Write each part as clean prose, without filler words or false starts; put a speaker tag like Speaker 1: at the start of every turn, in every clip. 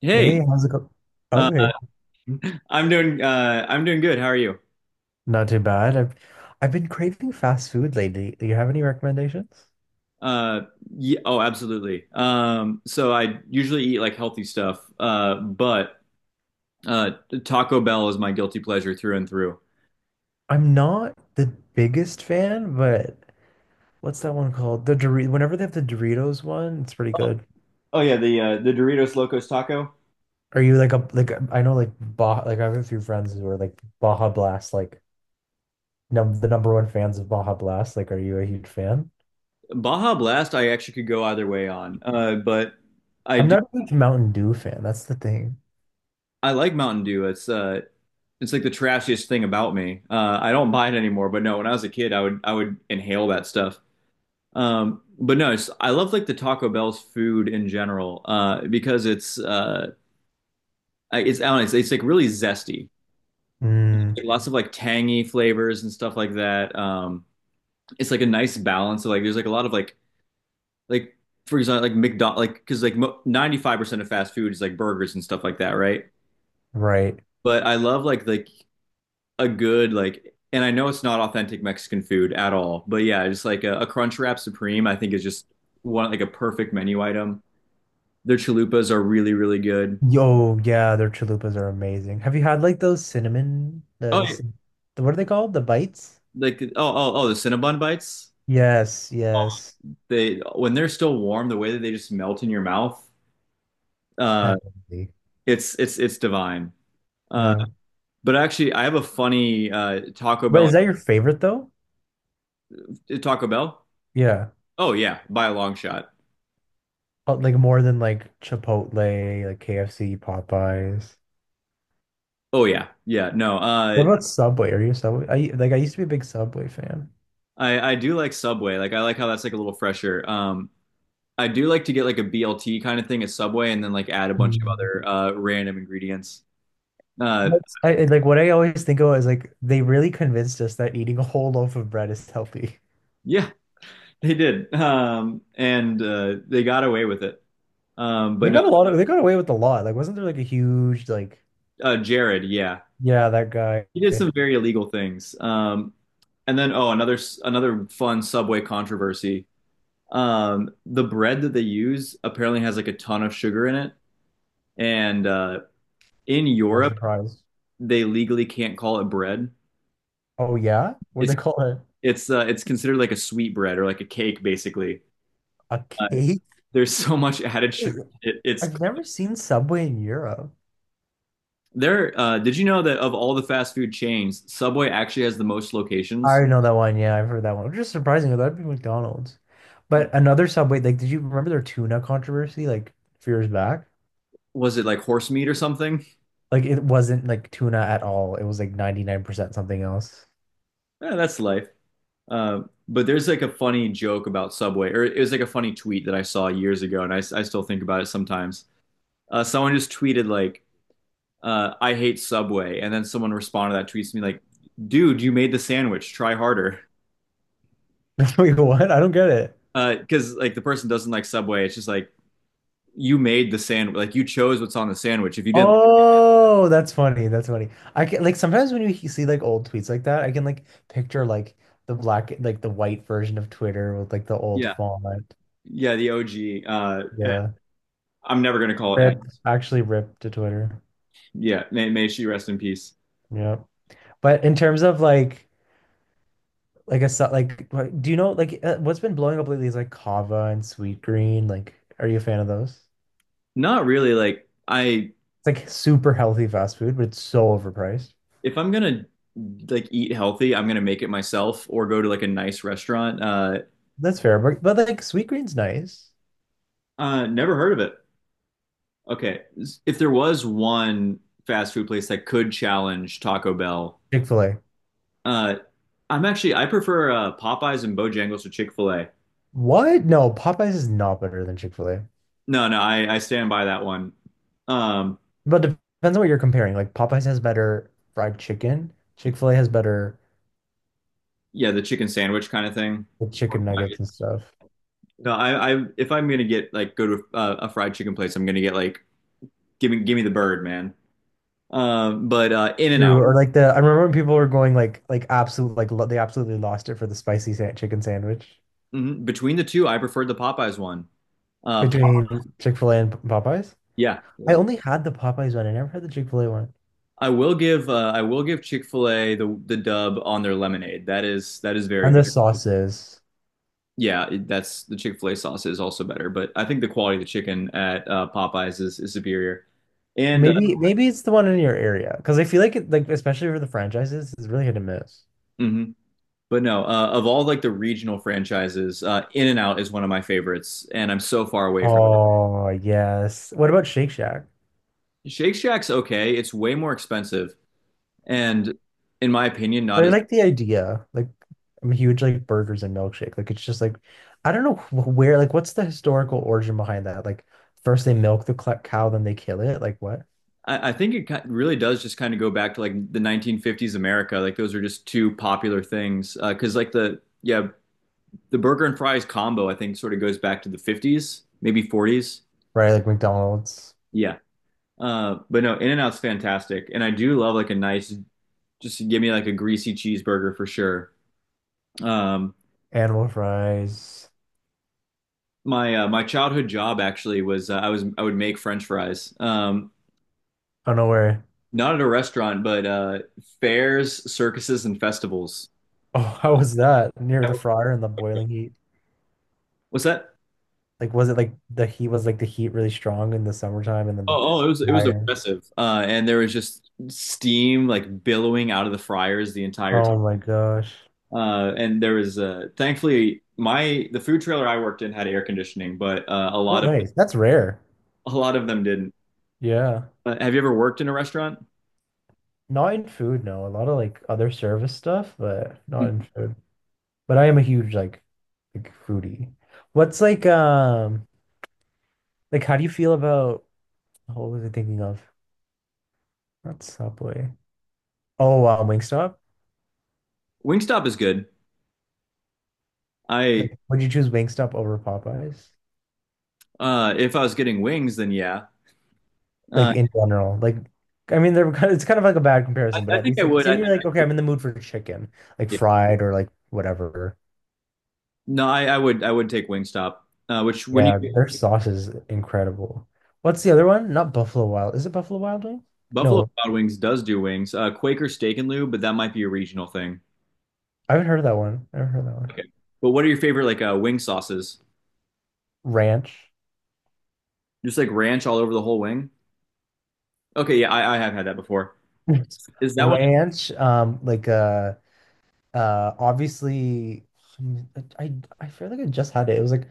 Speaker 1: Hey,
Speaker 2: Hey, how's it going?
Speaker 1: uh,
Speaker 2: Okay,
Speaker 1: I'm doing good. How are you?
Speaker 2: not too bad. I've been craving fast food lately. Do you have any recommendations?
Speaker 1: Uh, yeah, oh, absolutely. So I usually eat like healthy stuff, but uh, Taco Bell is my guilty pleasure through and through.
Speaker 2: I'm not the biggest fan, but what's that one called? The Doritos. Whenever they have the Doritos one, it's pretty good.
Speaker 1: Oh yeah, the Doritos Locos Taco.
Speaker 2: Are you like a I know like Baja like I have a few friends who are like Baja Blast like num the number one fans of Baja Blast. Like, are you a huge fan?
Speaker 1: Baja Blast, I actually could go either way on, but I
Speaker 2: I'm
Speaker 1: do
Speaker 2: not a huge Mountain Dew fan. That's the thing.
Speaker 1: I like Mountain Dew. It's like the trashiest thing about me. I don't buy it anymore, but no, when I was a kid, I would inhale that stuff. But no, I love like the Taco Bell's food in general, because it's I don't know, it's like really zesty, like,
Speaker 2: Mm,
Speaker 1: lots of like tangy flavors and stuff like that. It's like a nice balance. So like there's like a lot of like, for example, like McDonald, like because like mo 95% of fast food is like burgers and stuff like that, right?
Speaker 2: right.
Speaker 1: But I love like a good like, and I know it's not authentic Mexican food at all, but yeah, just like a Crunchwrap Supreme, I think is just one like a perfect menu item. Their chalupas are really, really good.
Speaker 2: Yo, yeah, their chalupas are amazing. Have you had like those cinnamon, the
Speaker 1: Oh,
Speaker 2: the, cin- the what are they called? The bites?
Speaker 1: like the Cinnabon bites.
Speaker 2: Yes, yes.
Speaker 1: They When they're still warm, the way that they just melt in your mouth, uh,
Speaker 2: Heavenly.
Speaker 1: it's divine. Uh,
Speaker 2: Yeah.
Speaker 1: but actually, I have a funny Taco
Speaker 2: Wait,
Speaker 1: Bell.
Speaker 2: is that your favorite though?
Speaker 1: Taco Bell?
Speaker 2: Yeah.
Speaker 1: Oh yeah, by a long shot.
Speaker 2: Like more than like Chipotle, like KFC, Popeyes.
Speaker 1: Oh yeah, yeah. No,
Speaker 2: What about Subway? Are you a Subway? I like I used to be a big Subway fan.
Speaker 1: I do like Subway. Like I like how that's like a little fresher. I do like to get like a BLT kind of thing at Subway, and then like add a bunch of
Speaker 2: Mm.
Speaker 1: other random ingredients. Uh,
Speaker 2: Like what I always think of is like they really convinced us that eating a whole loaf of bread is healthy.
Speaker 1: yeah, they did, and they got away with it. But no,
Speaker 2: They got away with a lot. Like wasn't there like a huge like—
Speaker 1: Jared, yeah,
Speaker 2: yeah, that guy.
Speaker 1: he did some very illegal things. And then, oh, another fun Subway controversy. The bread that they use apparently has like a ton of sugar in it, and in
Speaker 2: I'm
Speaker 1: Europe,
Speaker 2: surprised.
Speaker 1: they legally can't call it bread.
Speaker 2: Oh yeah? What do
Speaker 1: It's
Speaker 2: they call it?
Speaker 1: it's considered like a sweet bread or like a cake, basically.
Speaker 2: A
Speaker 1: Uh,
Speaker 2: cake?
Speaker 1: there's so much added
Speaker 2: Wait,
Speaker 1: sugar, it's
Speaker 2: I've never seen Subway in Europe.
Speaker 1: There, did you know that of all the fast food chains, Subway actually has the most
Speaker 2: I
Speaker 1: locations?
Speaker 2: already know that one. Yeah, I've heard that one. Which is surprising. That'd be McDonald's. But another Subway, like, did you remember their tuna controversy like a few years back?
Speaker 1: Was it like horse meat or something?
Speaker 2: Like, it wasn't like tuna at all. It was like 99% something else.
Speaker 1: Eh, that's life. Uh, but there's like a funny joke about Subway, or it was like a funny tweet that I saw years ago, and I still think about it sometimes. Someone just tweeted like, "I hate Subway," and then someone responded to that tweet to me like, "Dude, you made the sandwich. Try harder."
Speaker 2: Wait, what? I don't get it.
Speaker 1: Because like the person doesn't like Subway. It's just like you made the sandwich. Like you chose what's on the sandwich. If you didn't,
Speaker 2: Oh, that's funny. That's funny. I can like sometimes when you see like old tweets like that, I can like picture like the black, like the white version of Twitter with like the old
Speaker 1: yeah,
Speaker 2: font.
Speaker 1: yeah, the OG.
Speaker 2: Yeah.
Speaker 1: I'm never gonna call it Aggie.
Speaker 2: Rip, actually rip to Twitter.
Speaker 1: Yeah, may she rest in peace.
Speaker 2: Yeah. But in terms of like a, so- like, what- do you know, like, what's been blowing up lately is like Kava and Sweet Green. Like, are you a fan of those? It's
Speaker 1: Not really.
Speaker 2: like super healthy fast food, but it's so overpriced.
Speaker 1: If I'm gonna like eat healthy, I'm gonna make it myself or go to like a nice restaurant.
Speaker 2: That's fair. But like, Sweet Green's nice.
Speaker 1: Never heard of it. Okay, if there was one fast food place that could challenge Taco Bell,
Speaker 2: Chick-fil-A.
Speaker 1: uh, I prefer Popeyes and Bojangles to Chick Fil A.
Speaker 2: What? No, Popeyes is not better than Chick-fil-A.
Speaker 1: No, no, I stand by that one. Um,
Speaker 2: But depends on what you're comparing. Like Popeyes has better fried chicken. Chick-fil-A has better,
Speaker 1: yeah, the chicken sandwich kind of thing.
Speaker 2: like, chicken nuggets and stuff.
Speaker 1: No, I if I'm gonna get like go to a fried chicken place, I'm gonna get like give me the bird, man. But in and out.
Speaker 2: True. Or like the— I remember when people were going like absolute like lo they absolutely lost it for the spicy sa chicken sandwich
Speaker 1: Between the two, I preferred the Popeyes one. Uh, Pop-
Speaker 2: between Chick-fil-A and Popeyes.
Speaker 1: yeah,
Speaker 2: I
Speaker 1: yeah.
Speaker 2: only had the Popeyes one. I never had the Chick-fil-A one.
Speaker 1: I will give Chick-fil-A the dub on their lemonade. That is very
Speaker 2: And
Speaker 1: good.
Speaker 2: the sauces.
Speaker 1: Yeah, that's the Chick-fil-A sauce is also better, but I think the quality of the chicken at Popeyes is superior. And
Speaker 2: Maybe maybe it's the one in your area because I feel like it like especially for the franchises, it's really hit and miss.
Speaker 1: Mhm. But no, of all like the regional franchises, in and out is one of my favorites, and I'm so far away from.
Speaker 2: Oh yes. What about Shake Shack?
Speaker 1: Shake Shack's okay. It's way more expensive, and in my opinion, not
Speaker 2: But I
Speaker 1: as.
Speaker 2: like the idea. Like I'm a huge like burgers and milkshake. Like it's just like I don't know where like what's the historical origin behind that? Like first they milk the cow, then they kill it. Like what?
Speaker 1: I think it really does just kind of go back to like the 1950s America. Like those are just two popular things because like the yeah, the burger and fries combo I think sort of goes back to the 50s, maybe 40s.
Speaker 2: Right, like McDonald's,
Speaker 1: Yeah, but no, In-N-Out's fantastic, and I do love like a nice, just give me like a greasy cheeseburger for sure. Um,
Speaker 2: animal fries.
Speaker 1: my childhood job actually was I would make French fries.
Speaker 2: I don't know where.
Speaker 1: Not at a restaurant, but fairs, circuses, and festivals.
Speaker 2: Oh, how
Speaker 1: Um,
Speaker 2: was that? Near the fryer and the boiling heat.
Speaker 1: what's that?
Speaker 2: Like was it like the heat really strong in the summertime and then the
Speaker 1: Oh, it was
Speaker 2: fryer?
Speaker 1: oppressive, and there was just steam like billowing out of the fryers the entire time.
Speaker 2: Oh my gosh.
Speaker 1: And there was thankfully my the food trailer I worked in had air conditioning, but a
Speaker 2: Oh,
Speaker 1: lot of
Speaker 2: nice. That's rare.
Speaker 1: a lot of them didn't.
Speaker 2: Yeah.
Speaker 1: Have you ever worked in a restaurant?
Speaker 2: Not in food, no. A lot of like other service stuff, but not
Speaker 1: Mm.
Speaker 2: in food. But I am a huge like foodie. What's like how do you feel about— what was I thinking of? Not Subway. Oh wow, Wingstop?
Speaker 1: Wingstop is good. I
Speaker 2: Like would you choose Wingstop over Popeyes?
Speaker 1: If I was getting wings, then yeah. Uh,
Speaker 2: Like in general. Like I mean they're kind of it's kind of like a bad
Speaker 1: I,
Speaker 2: comparison, but
Speaker 1: I
Speaker 2: at
Speaker 1: think I
Speaker 2: least like
Speaker 1: would. I
Speaker 2: say
Speaker 1: think,
Speaker 2: you're like, okay, I'm in the mood for chicken, like
Speaker 1: yeah.
Speaker 2: fried or like whatever.
Speaker 1: No, I would. I would take Wingstop. Which when you
Speaker 2: Yeah, their sauce is incredible. What's the other one? Not Buffalo Wild. Is it Buffalo Wild Wing?
Speaker 1: Buffalo
Speaker 2: No,
Speaker 1: Wild Wings does do wings. Quaker Steak and Lube, but that might be a regional thing.
Speaker 2: I haven't heard of that one. I haven't heard of that one.
Speaker 1: Okay. But what are your favorite like wing sauces?
Speaker 2: Ranch.
Speaker 1: Just like ranch all over the whole wing? Okay, yeah, I have had that before. Is that one
Speaker 2: Ranch, obviously hum- I I feel like I just had it. It was like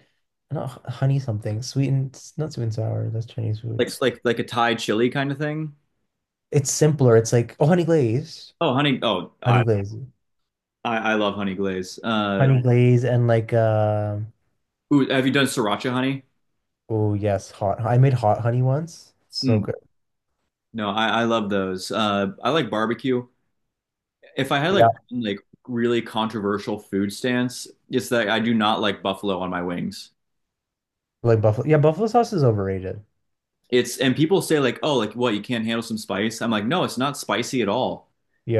Speaker 2: not h- honey something, not sweet and sour, that's Chinese food.
Speaker 1: like a Thai chili kind of thing?
Speaker 2: It's simpler. It's like oh honey glazed.
Speaker 1: Oh, honey. Oh,
Speaker 2: Honey
Speaker 1: I
Speaker 2: glazed.
Speaker 1: I, I love honey glaze.
Speaker 2: Honey glaze and like
Speaker 1: Ooh, have you done sriracha honey?
Speaker 2: oh yes, hot. I made hot honey once. So
Speaker 1: Mm,
Speaker 2: good.
Speaker 1: no, I love those. I like barbecue. If I had like
Speaker 2: Yeah.
Speaker 1: one, like really controversial food stance, it's that I do not like buffalo on my wings.
Speaker 2: Like buffalo— yeah, buffalo sauce is overrated.
Speaker 1: It's And people say like, oh, like what, you can't handle some spice? I'm like, no, it's not spicy at all.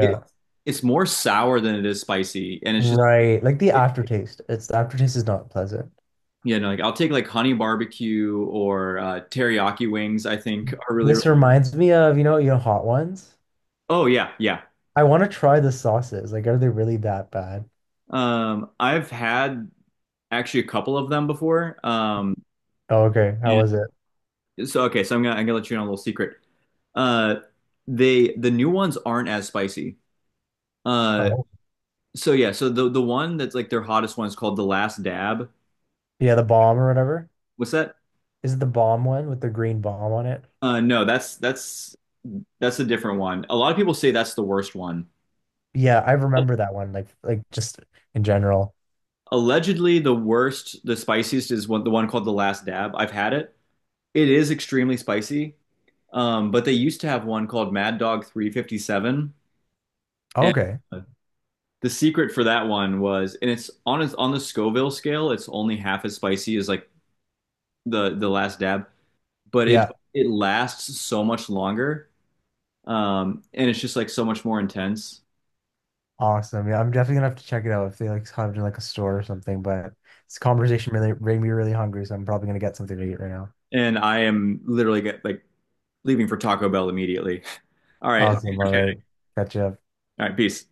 Speaker 1: It, it's more sour than it is spicy, and it's just
Speaker 2: Right. Like the aftertaste. It's the aftertaste is not pleasant.
Speaker 1: like I'll take like honey barbecue or teriyaki wings. I think are really, really.
Speaker 2: This reminds me of, you know, hot ones.
Speaker 1: Oh yeah, yeah.
Speaker 2: I want to try the sauces. Like, are they really that bad?
Speaker 1: I've had actually a couple of them before.
Speaker 2: Oh, okay. How
Speaker 1: And
Speaker 2: was it?
Speaker 1: so okay, so I'm gonna let you in on a little secret. Uh, the new ones aren't as spicy. Uh,
Speaker 2: Oh,
Speaker 1: so yeah, so the one that's like their hottest one is called the Last Dab.
Speaker 2: yeah, the bomb or whatever.
Speaker 1: What's that?
Speaker 2: Is it the bomb one with the green bomb on it?
Speaker 1: No, that's a different one. A lot of people say that's the worst one.
Speaker 2: Yeah, I remember that one. Like just in general.
Speaker 1: Allegedly, the worst, the spiciest is one, the one called the Last Dab. I've had it. It is extremely spicy. But they used to have one called Mad Dog 357, and
Speaker 2: Okay.
Speaker 1: the secret for that one was, and it's on the Scoville scale, it's only half as spicy as like the Last Dab, but it
Speaker 2: Yeah.
Speaker 1: it lasts so much longer, and it's just like so much more intense.
Speaker 2: Awesome. Yeah, I'm definitely gonna have to check it out if they like have it in like a store or something. But this conversation really made me really hungry, so I'm probably gonna get something to eat right now.
Speaker 1: And I am literally get like leaving for Taco Bell immediately. All right.
Speaker 2: Awesome. All right. Catch you up.
Speaker 1: All right. Peace.